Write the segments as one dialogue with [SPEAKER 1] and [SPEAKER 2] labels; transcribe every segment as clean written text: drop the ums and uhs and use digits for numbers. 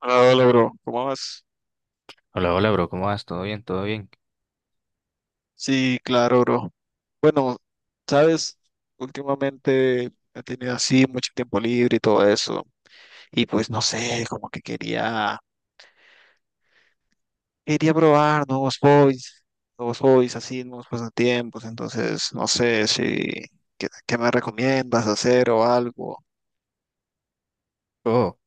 [SPEAKER 1] Hola, hola, bro. ¿Cómo vas?
[SPEAKER 2] Hola, hola, bro, ¿cómo vas? ¿Todo bien? ¿Todo bien?
[SPEAKER 1] Sí, claro, bro. Bueno, sabes, últimamente he tenido así mucho tiempo libre y todo eso. Y pues no sé, como que quería probar nuevos hobbies así, nuevos pasatiempos. Entonces, no sé si, ¿qué me recomiendas hacer o algo?
[SPEAKER 2] Oh,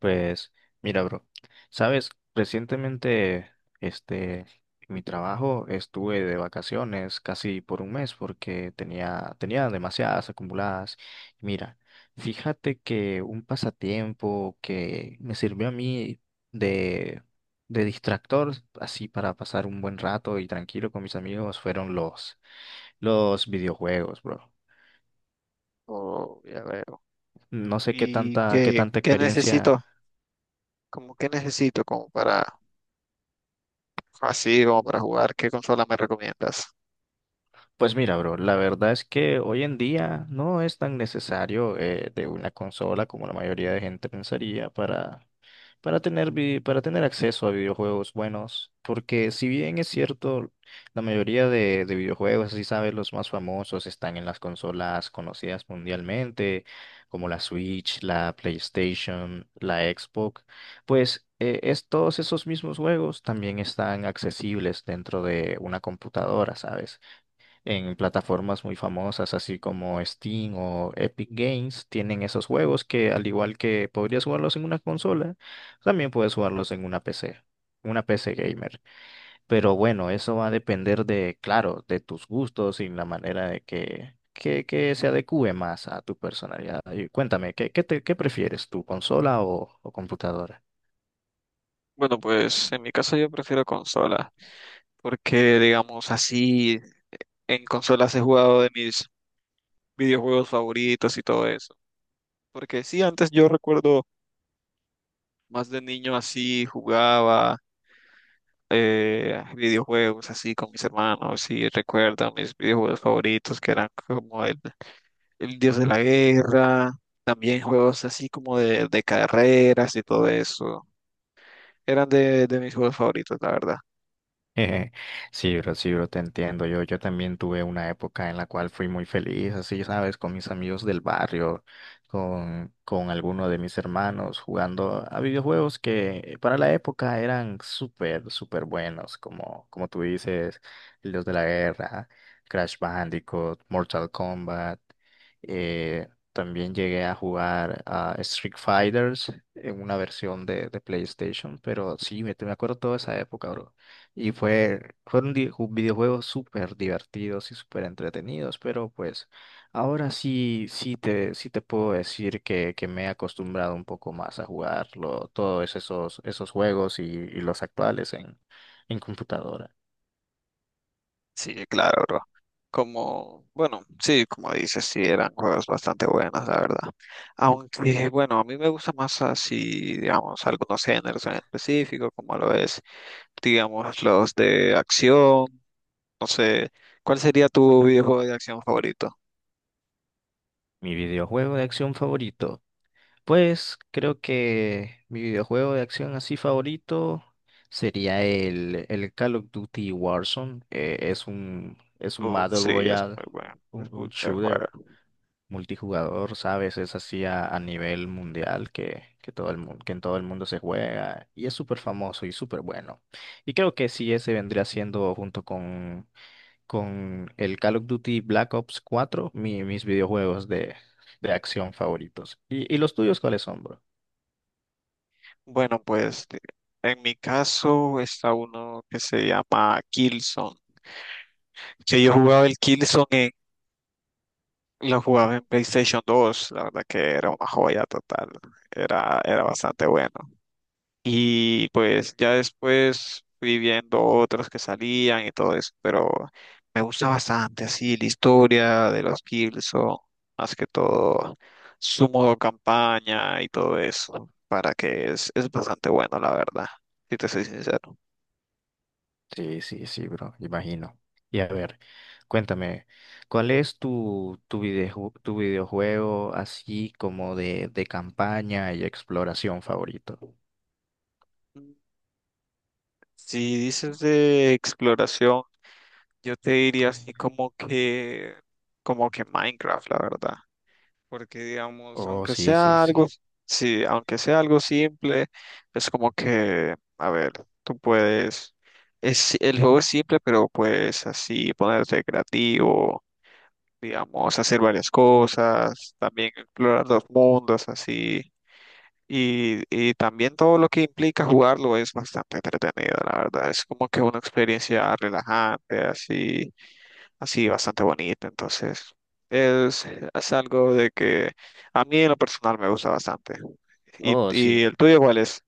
[SPEAKER 2] pues mira, bro, sabes, recientemente, este, en mi trabajo estuve de vacaciones casi por un mes porque tenía demasiadas acumuladas. Mira, fíjate que un pasatiempo que me sirvió a mí de, de distractor, así para pasar un buen rato y tranquilo con mis amigos, fueron los videojuegos, bro.
[SPEAKER 1] O ya veo.
[SPEAKER 2] No sé
[SPEAKER 1] ¿Y
[SPEAKER 2] qué
[SPEAKER 1] qué,
[SPEAKER 2] tanta
[SPEAKER 1] qué
[SPEAKER 2] experiencia.
[SPEAKER 1] necesito? ¿Como qué necesito como para, así, como para jugar? ¿Qué consola me recomiendas?
[SPEAKER 2] Pues mira, bro, la verdad es que hoy en día no es tan necesario de una consola como la mayoría de gente pensaría para tener, para tener acceso a videojuegos buenos, porque si bien es cierto, la mayoría de videojuegos, si sabes, los más famosos están en las consolas conocidas mundialmente, como la Switch, la PlayStation, la Xbox, pues todos esos mismos juegos también están accesibles dentro de una computadora, ¿sabes? En plataformas muy famosas, así como Steam o Epic Games, tienen esos juegos que al igual que podrías jugarlos en una consola, también puedes jugarlos en una PC, una PC gamer. Pero bueno, eso va a depender de, claro, de tus gustos y la manera de que se adecue más a tu personalidad. Y cuéntame, ¿ qué prefieres, tu consola o computadora?
[SPEAKER 1] Bueno, pues en mi caso yo prefiero consolas, porque digamos así, en consolas he jugado de mis videojuegos favoritos y todo eso. Porque sí, antes yo recuerdo más de niño así, jugaba videojuegos así con mis hermanos y recuerdo mis videojuegos favoritos que eran como el Dios de la Guerra, también juegos así como de carreras y todo eso. Eran de mis juegos favoritos, la verdad.
[SPEAKER 2] Sí, bro, te entiendo. Yo también tuve una época en la cual fui muy feliz, así, ¿sabes? Con mis amigos del barrio, con alguno de mis hermanos, jugando a videojuegos que para la época eran súper, súper buenos, como, como tú dices, los de la guerra, Crash Bandicoot, Mortal Kombat. eh, También llegué a jugar a Street Fighters en una versión de PlayStation, pero sí, me acuerdo toda esa época, bro. Fueron videojuegos súper divertidos y súper entretenidos, pero pues ahora sí, sí te puedo decir que me he acostumbrado un poco más a jugarlo, todos esos juegos y los actuales en computadora.
[SPEAKER 1] Sí, claro, bro. Como, bueno, sí, como dices, sí, eran juegos bastante buenos, la verdad. Aunque, bueno, a mí me gusta más así, digamos, algunos géneros en específico, como lo es, digamos, los de acción. No sé, ¿cuál sería tu videojuego de acción favorito?
[SPEAKER 2] Mi videojuego de acción favorito. Pues creo que mi videojuego de acción así favorito sería el Call of Duty Warzone. Es un
[SPEAKER 1] Uf,
[SPEAKER 2] Battle
[SPEAKER 1] sí, es
[SPEAKER 2] Royale,
[SPEAKER 1] muy bueno, es muy
[SPEAKER 2] un
[SPEAKER 1] buen
[SPEAKER 2] shooter
[SPEAKER 1] juego.
[SPEAKER 2] multijugador, ¿sabes? Es así a nivel mundial todo el mundo, que en todo el mundo se juega y es súper famoso y súper bueno. Y creo que sí, ese vendría siendo con el Call of Duty Black Ops cuatro, mis videojuegos de acción favoritos. Y los tuyos cuáles son, bro?
[SPEAKER 1] Bueno, en mi caso está uno que se llama Killzone, que yo jugaba el Killzone. Lo jugaba en PlayStation 2, la verdad que era una joya total, era bastante bueno. Y pues ya después fui viendo otros que salían y todo eso, pero me gusta bastante así la historia de los Killzone, más que todo su modo campaña y todo eso, para que es bastante bueno, la verdad, si te soy sincero.
[SPEAKER 2] Sí, sí, sí, bro, imagino. Y a ver, cuéntame, ¿cuál es tu videojuego así como de campaña y exploración favorito?
[SPEAKER 1] Mm, si dices de exploración, yo te diría así como que Minecraft, la verdad. Porque digamos,
[SPEAKER 2] Oh,
[SPEAKER 1] aunque
[SPEAKER 2] sí, sí,
[SPEAKER 1] sea
[SPEAKER 2] sí.
[SPEAKER 1] algo, sí, aunque sea algo simple, es como que, a ver, tú puedes, es, el juego es simple, pero puedes así ponerte creativo, digamos, hacer varias cosas, también explorar los mundos, así. Y también todo lo que implica jugarlo es bastante entretenido, la verdad. Es como que una experiencia relajante, así así bastante bonito. Entonces, es, es algo de que a mí en lo personal me gusta bastante.
[SPEAKER 2] Oh, sí.
[SPEAKER 1] Y el tuyo cuál es?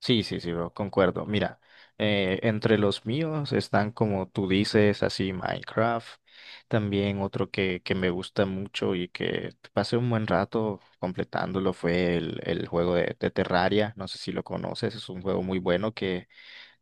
[SPEAKER 2] Sí, sí, sí, bro, concuerdo. Mira, entre los míos están como tú dices, así Minecraft. También otro que me gusta mucho y que pasé un buen rato completándolo fue el juego de Terraria. No sé si lo conoces, es un juego muy bueno que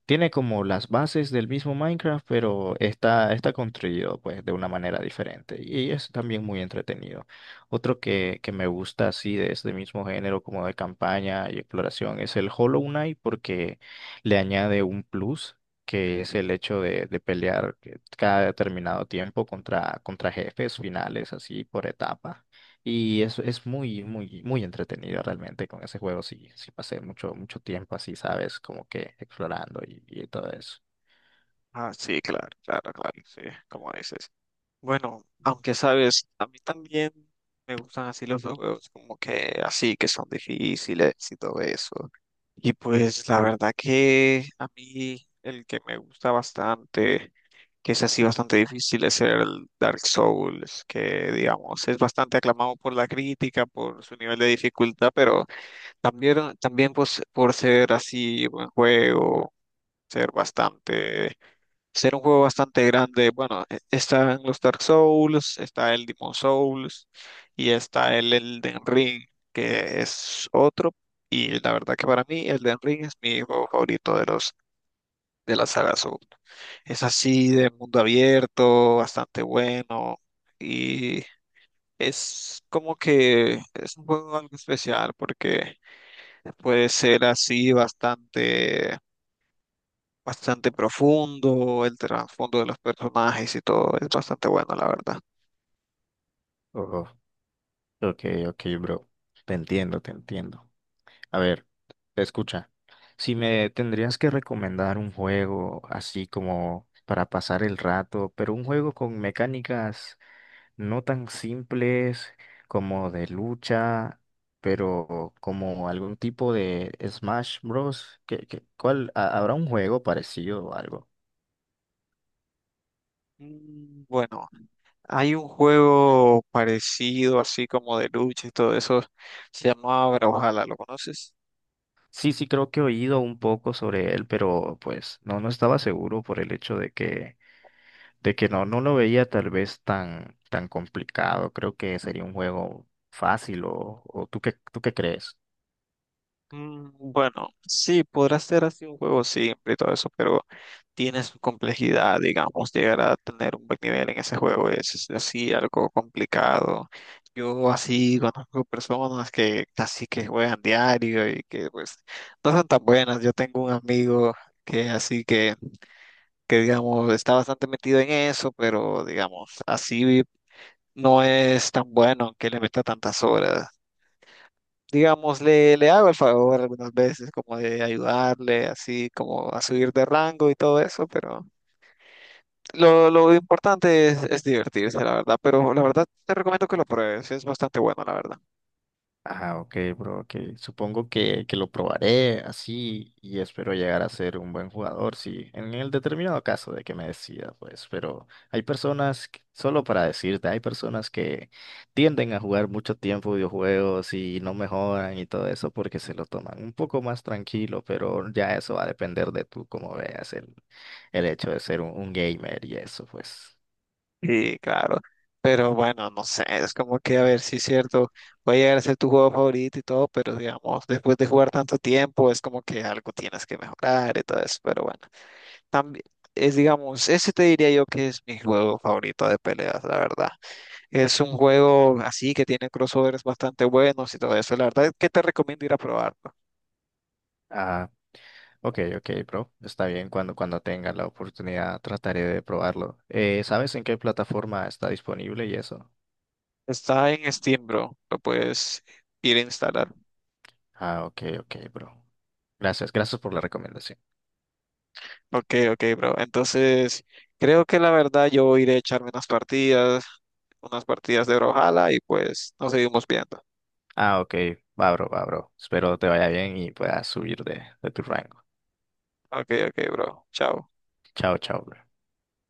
[SPEAKER 2] tiene como las bases del mismo Minecraft, pero está construido pues de una manera diferente y es también muy entretenido. Otro que me gusta así de este mismo género como de campaña y exploración es el Hollow Knight porque le añade un plus que es el hecho de pelear cada determinado tiempo contra jefes finales así por etapa. Y eso es muy, muy, muy entretenido realmente con ese juego. Sí, sí pasé mucho, mucho tiempo así, ¿sabes? Como que explorando y todo eso.
[SPEAKER 1] Ah, sí, claro, claro, claro, sí, como dices. Bueno, aunque sabes, a mí también me gustan así los juegos, como que así, que son difíciles y todo eso. Y pues la verdad que a mí el que me gusta bastante que es así bastante difícil, es el Dark Souls, que digamos es bastante aclamado por la crítica, por su nivel de dificultad, pero también, también pues, por ser así buen juego, ser bastante, ser un juego bastante grande. Bueno, están los Dark Souls, está el Demon Souls y está el Elden Ring, que es otro. Y la verdad que para mí Elden Ring es mi juego favorito de los de la saga Soul. Es así de mundo abierto, bastante bueno y es como que es un juego algo especial porque puede ser así bastante bastante profundo, el trasfondo de los personajes y todo, es bastante bueno la verdad.
[SPEAKER 2] Oh, ok, ok, bro. Te entiendo, te entiendo. A ver, escucha. Si me tendrías que recomendar un juego así como para pasar el rato, pero un juego con mecánicas no tan simples como de lucha, pero como algún tipo de Smash Bros. ¿ habrá un juego parecido o algo?
[SPEAKER 1] Mm, bueno, hay un juego parecido así como de lucha y todo eso, se llama Brawlhalla, ¿lo conoces?
[SPEAKER 2] Sí, sí, creo que he oído un poco sobre él, pero pues no, no estaba seguro por el hecho de que no, no lo veía tal vez tan, tan complicado. Creo que sería un juego fácil o ¿ tú qué crees?
[SPEAKER 1] Mm, bueno, sí, podrá ser así un juego simple y todo eso, pero tiene su complejidad, digamos, llegar a tener un buen nivel en ese juego es así algo complicado. Yo así conozco personas que así que juegan diario y que pues no son tan buenas. Yo tengo un amigo que así que digamos está bastante metido en eso, pero digamos así no es tan bueno que le meta tantas horas. Digamos, le hago el favor algunas veces como de ayudarle así como a subir de rango y todo eso, pero lo importante es divertirse, la verdad, pero la verdad te recomiendo que lo pruebes, es bastante bueno, la verdad.
[SPEAKER 2] Ah, ok, bro, ok. Supongo que lo probaré así y espero llegar a ser un buen jugador, sí, en el determinado caso de que me decida, pues, pero hay personas, solo para decirte, hay personas que tienden a jugar mucho tiempo videojuegos y no mejoran y todo eso porque se lo toman un poco más tranquilo, pero ya eso va a depender de tú, como veas el hecho de ser un gamer y eso, pues.
[SPEAKER 1] Sí, claro, pero bueno, no sé, es como que a ver si es cierto, puede llegar a ser tu juego favorito y todo, pero digamos, después de jugar tanto tiempo, es como que algo tienes que mejorar y todo eso, pero bueno, también es, digamos, ese te diría yo que es mi juego favorito de peleas, la verdad. Es un juego así que tiene crossovers bastante buenos y todo eso. La verdad es que te recomiendo ir a probarlo.
[SPEAKER 2] Ah. Ok, ok, bro. Está bien, cuando tenga la oportunidad trataré de probarlo. ¿Sabes en qué plataforma está disponible y eso?
[SPEAKER 1] Está en Steam, bro. Lo puedes ir a instalar.
[SPEAKER 2] Ah, ok, ok, bro. Gracias, gracias por la recomendación.
[SPEAKER 1] Ok, ok, bro. Entonces, creo que la verdad yo iré a echarme unas partidas de Brawlhalla y pues nos seguimos viendo.
[SPEAKER 2] Ah, ok, va, bro, va, bro. Espero te vaya bien y puedas subir de tu rango.
[SPEAKER 1] Ok, ok, bro. Chao.
[SPEAKER 2] Chao, chao, bro.